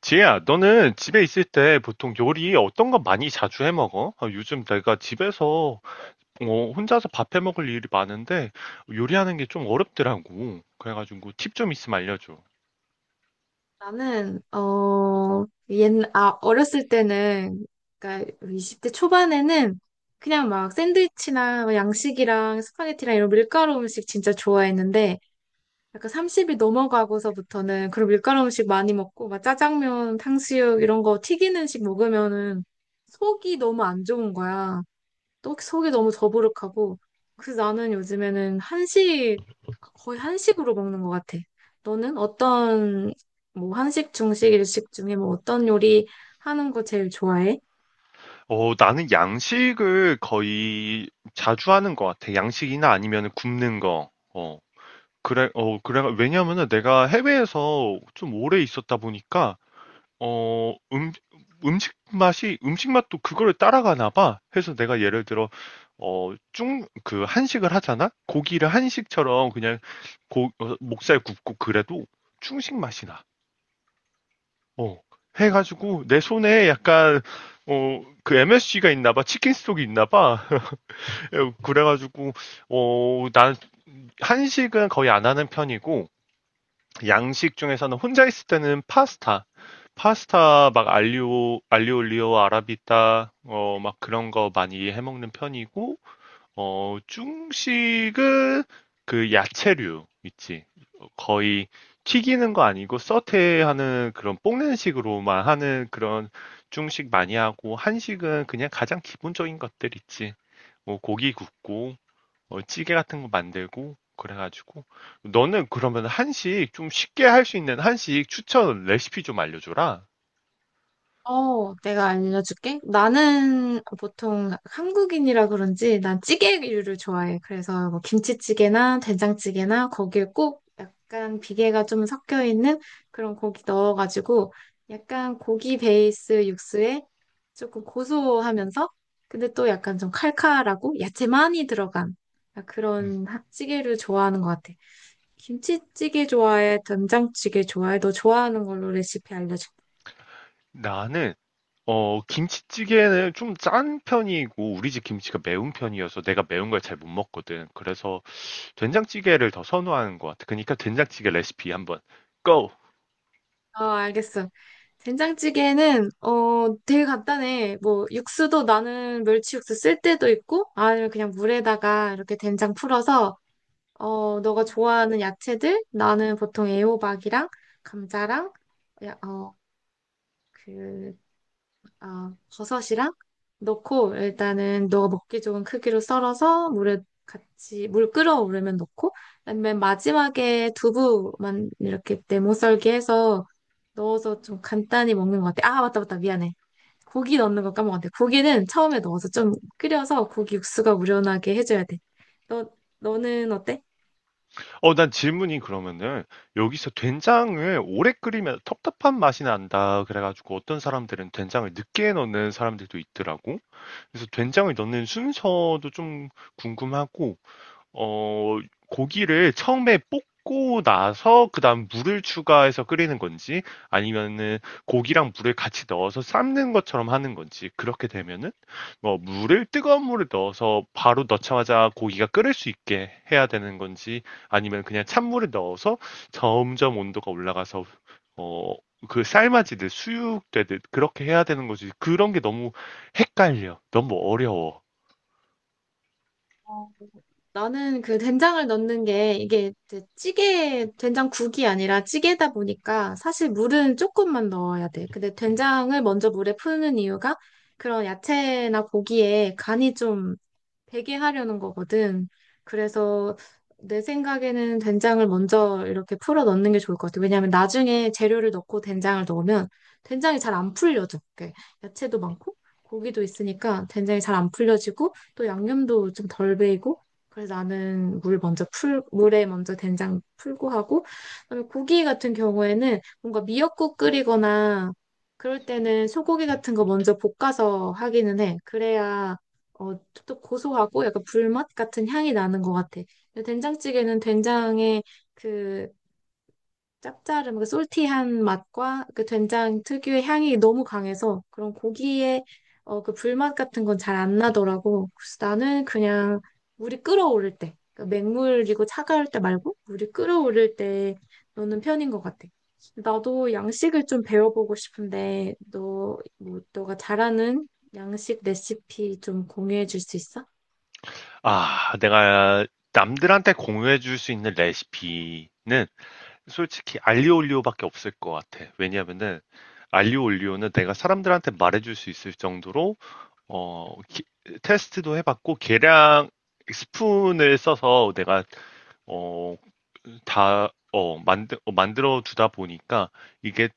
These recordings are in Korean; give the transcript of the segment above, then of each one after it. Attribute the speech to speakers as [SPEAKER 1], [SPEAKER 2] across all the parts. [SPEAKER 1] 지혜야, 너는 집에 있을 때 보통 요리 어떤 거 많이 자주 해 먹어? 아, 요즘 내가 집에서 혼자서 밥 해 먹을 일이 많은데 요리하는 게 좀 어렵더라고. 그래가지고 팁 좀 있으면 알려줘.
[SPEAKER 2] 나는 옛날 어렸을 때는, 그러니까 20대 초반에는 그냥 막 샌드위치나 뭐 양식이랑 스파게티랑 이런 밀가루 음식 진짜 좋아했는데, 약간 30이 넘어가고서부터는 그런 밀가루 음식 많이 먹고 막 짜장면, 탕수육 이런 거 튀긴 음식 먹으면은 속이 너무 안 좋은 거야. 떡 속이 너무 더부룩하고. 그래서 나는 요즘에는 한식, 거의 한식으로 먹는 것 같아. 너는 어떤, 뭐 한식, 중식, 일식 중에 뭐 어떤 요리 하는 거 제일 좋아해?
[SPEAKER 1] 나는 양식을 거의 자주 하는 것 같아. 양식이나 아니면 굽는 거. 그래, 왜냐면은 내가 해외에서 좀 오래 있었다 보니까 어, 음, 음식 맛도 그거를 따라가나 봐. 해서 내가 예를 들어, 한식을 하잖아? 고기를 한식처럼 그냥 목살 굽고 그래도 중식 맛이 나. 어. 해가지고 내 손에 약간, 그 MSG가 있나 봐. 치킨 스톡이 있나 봐. 그래가지고, 난 한식은 거의 안 하는 편이고, 양식 중에서는 혼자 있을 때는 파스타. 파스타 막 알리오 알리올리오 아라비타 막 그런 거 많이 해 먹는 편이고 중식은 그 야채류 있지. 거의 튀기는 거 아니고 서태하는 그런 볶는 식으로만 하는 그런 중식 많이 하고 한식은 그냥 가장 기본적인 것들 있지. 뭐 고기 굽고 찌개 같은 거 만들고 그래가지고 너는 그러면 한식 좀 쉽게 할 수 있는 한식 추천 레시피 좀 알려줘라.
[SPEAKER 2] 어, 내가 알려줄게. 나는 보통 한국인이라 그런지 난 찌개류를 좋아해. 그래서 뭐 김치찌개나 된장찌개나 거기에 꼭 약간 비계가 좀 섞여 있는 그런 고기 넣어가지고 약간 고기 베이스 육수에 조금 고소하면서, 근데 또 약간 좀 칼칼하고 야채 많이 들어간
[SPEAKER 1] 음.
[SPEAKER 2] 그런 찌개를 좋아하는 것 같아. 김치찌개 좋아해? 된장찌개 좋아해? 너 좋아하는 걸로 레시피 알려줄게.
[SPEAKER 1] 나는 김치찌개는 좀 짠 편이고 우리 집 김치가 매운 편이어서 내가 매운 걸 잘 못 먹거든. 그래서 된장찌개를 더 선호하는 것 같아. 그러니까 된장찌개 레시피 한번 go.
[SPEAKER 2] 어, 알겠어. 된장찌개는 어 되게 간단해. 뭐 육수도 나는 멸치 육수 쓸 때도 있고, 아니면 그냥 물에다가 이렇게 된장 풀어서 어 너가 좋아하는 야채들, 나는 보통 애호박이랑 감자랑 야, 어, 그, 어, 버섯이랑 넣고, 일단은 너가 먹기 좋은 크기로 썰어서 물에 같이, 물 끓어오르면 넣고, 그다음에 마지막에 두부만 이렇게 네모 썰기 해서 넣어서 좀 간단히 먹는 것 같아. 아, 맞다, 맞다. 미안해. 고기 넣는 거 까먹었네. 고기는 처음에 넣어서 좀 끓여서 고기 육수가 우려나게 해줘야 돼. 너, 너는 어때?
[SPEAKER 1] 난 질문이 그러면은 여기서 된장을 오래 끓이면 텁텁한 맛이 난다. 그래가지고 어떤 사람들은 된장을 늦게 넣는 사람들도 있더라고. 그래서 된장을 넣는 순서도 좀 궁금하고 어, 고기를 처음에 볶고 나서 그다음 물을 추가해서 끓이는 건지 아니면은 고기랑 물을 같이 넣어서 삶는 것처럼 하는 건지 그렇게 되면은 뭐 물을 뜨거운 물을 넣어서 바로 넣자마자 고기가 끓을 수 있게 해야 되는 건지 아니면 그냥 찬물을 넣어서 점점 온도가 올라가서 어, 그 삶아지듯 수육되듯 그렇게 해야 되는 거지. 그런 게 너무 헷갈려, 너무 어려워.
[SPEAKER 2] 어, 나는 그 된장을 넣는 게 이게 이제 찌개, 된장국이 아니라 찌개다 보니까 사실 물은 조금만 넣어야 돼. 근데 된장을 먼저 물에 푸는 이유가 그런 야채나 고기에 간이 좀 되게 하려는 거거든. 그래서 내 생각에는 된장을 먼저 이렇게 풀어 넣는 게 좋을 것 같아. 왜냐하면 나중에 재료를 넣고 된장을 넣으면 된장이 잘 안 풀려져. 이렇게 야채도 많고 고기도 있으니까 된장이 잘 안 풀려지고, 또 양념도 좀 덜 배이고. 그래서 나는 물에 먼저 된장 풀고 하고, 그다음에 고기 같은 경우에는 뭔가 미역국 끓이거나 그럴 때는 소고기 같은 거 먼저 볶아서 하기는 해. 그래야 어, 또 고소하고 약간 불맛 같은 향이 나는 것 같아. 근데 된장찌개는 된장의 그 짭짤한, 그 솔티한 맛과 그 된장 특유의 향이 너무 강해서 그런 고기에 어, 그 불맛 같은 건 잘 안 나더라고. 그래서 나는 그냥 물이 끓어오를 때, 그러니까 맹물이고 차가울 때 말고 물이 끓어오를 때 넣는 편인 것 같아. 나도 양식을 좀 배워보고 싶은데, 너, 뭐, 너가 잘하는 양식 레시피 좀 공유해 줄 수 있어?
[SPEAKER 1] 아, 내가 남들한테 공유해 줄 수 있는 레시피는 솔직히 알리오올리오밖에 없을 것 같아. 왜냐면은 알리오올리오는 내가 사람들한테 말해 줄 수 있을 정도로 어, 기- 테스트도 해봤고 계량 스푼을 써서 내가 어, 만들어 두다 보니까 이게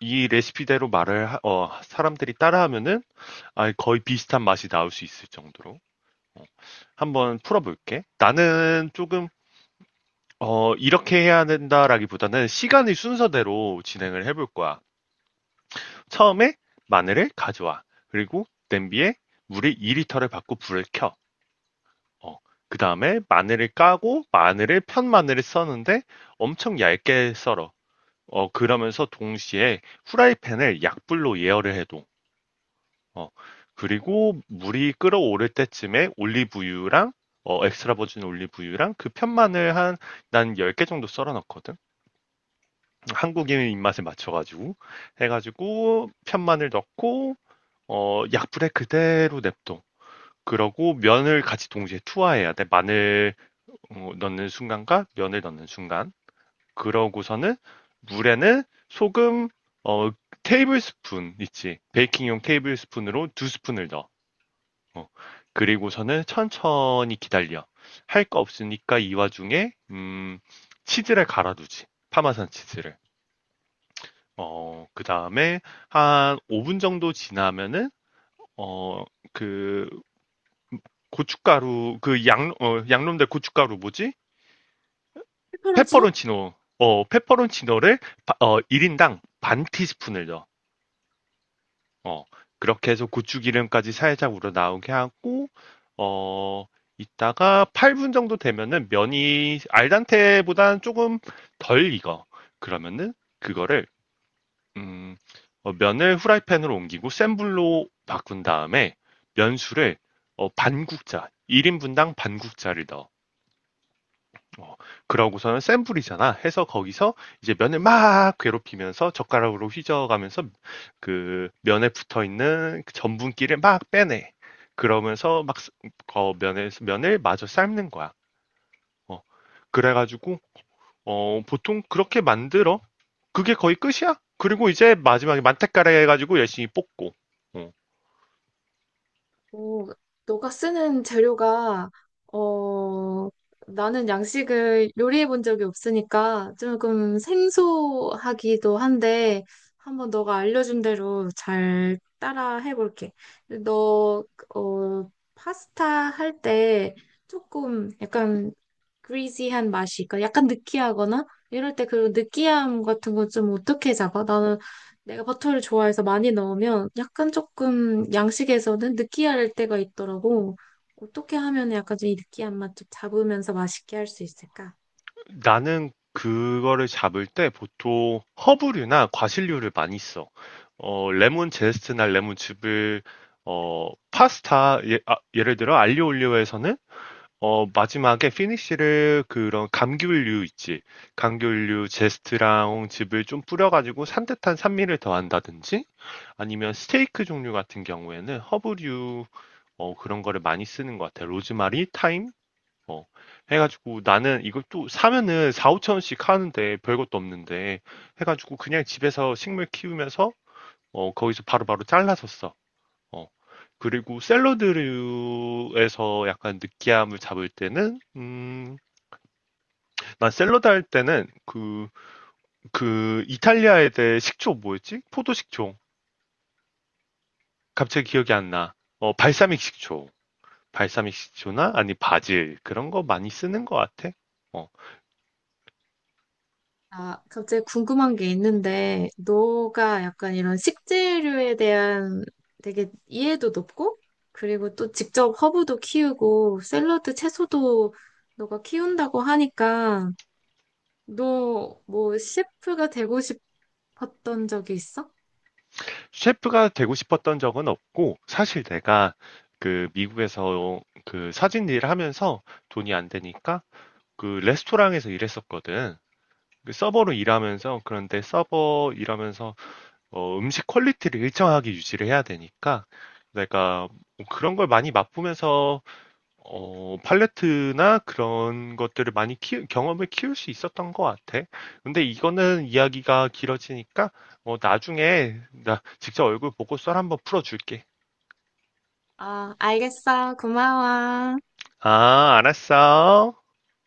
[SPEAKER 1] 이 레시피대로 사람들이 따라하면은 아, 거의 비슷한 맛이 나올 수 있을 정도로 어, 한번 풀어볼게. 나는 조금 이렇게 해야 된다라기보다는 시간의 순서대로 진행을 해볼 거야. 처음에 마늘을 가져와. 그리고 냄비에 물을 2리터를 받고 불을 켜. 어, 그 다음에 마늘을 까고 마늘을 편 마늘을 써는데 엄청 얇게 썰어. 그러면서 동시에 후라이팬을 약불로 예열을 해둬. 어, 그리고 물이 끓어오를 때쯤에 올리브유랑 엑스트라 버진 올리브유랑 그 편마늘 난 10개 정도 썰어 넣거든? 한국인 입맛에 맞춰가지고. 해가지고, 편마늘 넣고, 약불에 그대로 냅둬. 그러고 면을 같이 동시에 투하해야 돼. 마늘 넣는 순간과 면을 넣는 순간. 그러고서는 물에는 소금, 어, 테이블 스푼 있지. 베이킹용 테이블 스푼으로 두 스푼을 넣어. 어, 그리고서는 천천히 기다려. 할 거 없으니까 이 와중에 치즈를 갈아두지. 파마산 치즈를. 그다음에 한 5분 정도 지나면은 어, 그 고춧가루 그 양, 어, 양념된 고춧가루 뭐지?
[SPEAKER 2] 페퍼런치노?
[SPEAKER 1] 페퍼론치노. 페퍼론치노를 1인당 반 티스푼을 넣어. 어, 그렇게 해서 고추기름까지 살짝 우러나오게 하고, 어, 이따가 8분 정도 되면은 면이 알단테보다는 조금 덜 익어. 그러면은 그거를, 음, 면을 후라이팬으로 옮기고 센 불로 바꾼 다음에 면수를 1인분당 반국자를 넣어. 어, 그러고서는 샘플이잖아. 해서 거기서 이제 면을 막 괴롭히면서 젓가락으로 휘저어가면서 그 면에 붙어 있는 그 전분기를 막 빼내. 그러면서 막 쓰- 어, 면에 면을 마저 삶는 거야. 어, 그래가지고 보통 그렇게 만들어. 그게 거의 끝이야. 그리고 이제 마지막에 만테카레 해가지고 열심히 볶고.
[SPEAKER 2] 오, 너가 쓰는 재료가 어 나는 양식을 요리해 본 적이 없으니까 조금 생소하기도 한데, 한번 너가 알려준 대로 잘 따라 해볼게. 너 어 파스타 할 때 조금 약간 그리지한 맛이 있거나 약간 느끼하거나 이럴 때 그런 느끼함 같은 건 좀 어떻게 잡아? 나는 내가 버터를 좋아해서 많이 넣으면 약간 조금 양식에서는 느끼할 때가 있더라고. 어떻게 하면 약간 좀 이 느끼한 맛 좀 잡으면서 맛있게 할 수 있을까?
[SPEAKER 1] 나는 그거를 잡을 때 보통 허브류나 과실류를 많이 써. 레몬 제스트나 레몬즙을 어, 파스타 예, 를 들어 알리오올리오에서는 마지막에 피니쉬를 그런 감귤류 있지. 감귤류 제스트랑 즙을 좀 뿌려가지고 산뜻한 산미를 더한다든지 아니면 스테이크 종류 같은 경우에는 허브류 그런 거를 많이 쓰는 것 같아. 로즈마리, 타임. 어. 해가지고 나는 이걸 또 사면은 4, 5천 원씩 하는데 별것도 없는데 해가지고 그냥 집에서 식물 키우면서 거기서 바로바로 잘라서 써. 어. 그리고 샐러드류에서 약간 느끼함을 잡을 때는 난 샐러드 할 때는 그 이탈리아 애들 식초 뭐였지? 포도 식초. 갑자기 기억이 안 나. 발사믹 식초. 발사믹 식초나 아니 바질 그런 거 많이 쓰는 것 같아. 어.
[SPEAKER 2] 아, 갑자기 궁금한 게 있는데, 너가 약간 이런 식재료에 대한 되게 이해도 높고, 그리고 또 직접 허브도 키우고, 샐러드 채소도 너가 키운다고 하니까, 너 뭐 셰프가 되고 싶었던 적이 있어?
[SPEAKER 1] 셰프가 되고 싶었던 적은 없고, 사실 내가 그 미국에서 그 사진 일을 하면서 돈이 안 되니까 그 레스토랑에서 일했었거든. 그 서버로 일하면서, 그런데 서버 일하면서 음식 퀄리티를 일정하게 유지를 해야 되니까 내가 뭐 그런 걸 많이 맛보면서 팔레트나 그런 것들을 많이 키 경험을 키울 수 있었던 것 같아. 근데 이거는 이야기가 길어지니까, 나중에 나 직접 얼굴 보고 썰 한번 풀어줄게.
[SPEAKER 2] 아, 알겠어. 고마워.
[SPEAKER 1] 아, 알았어.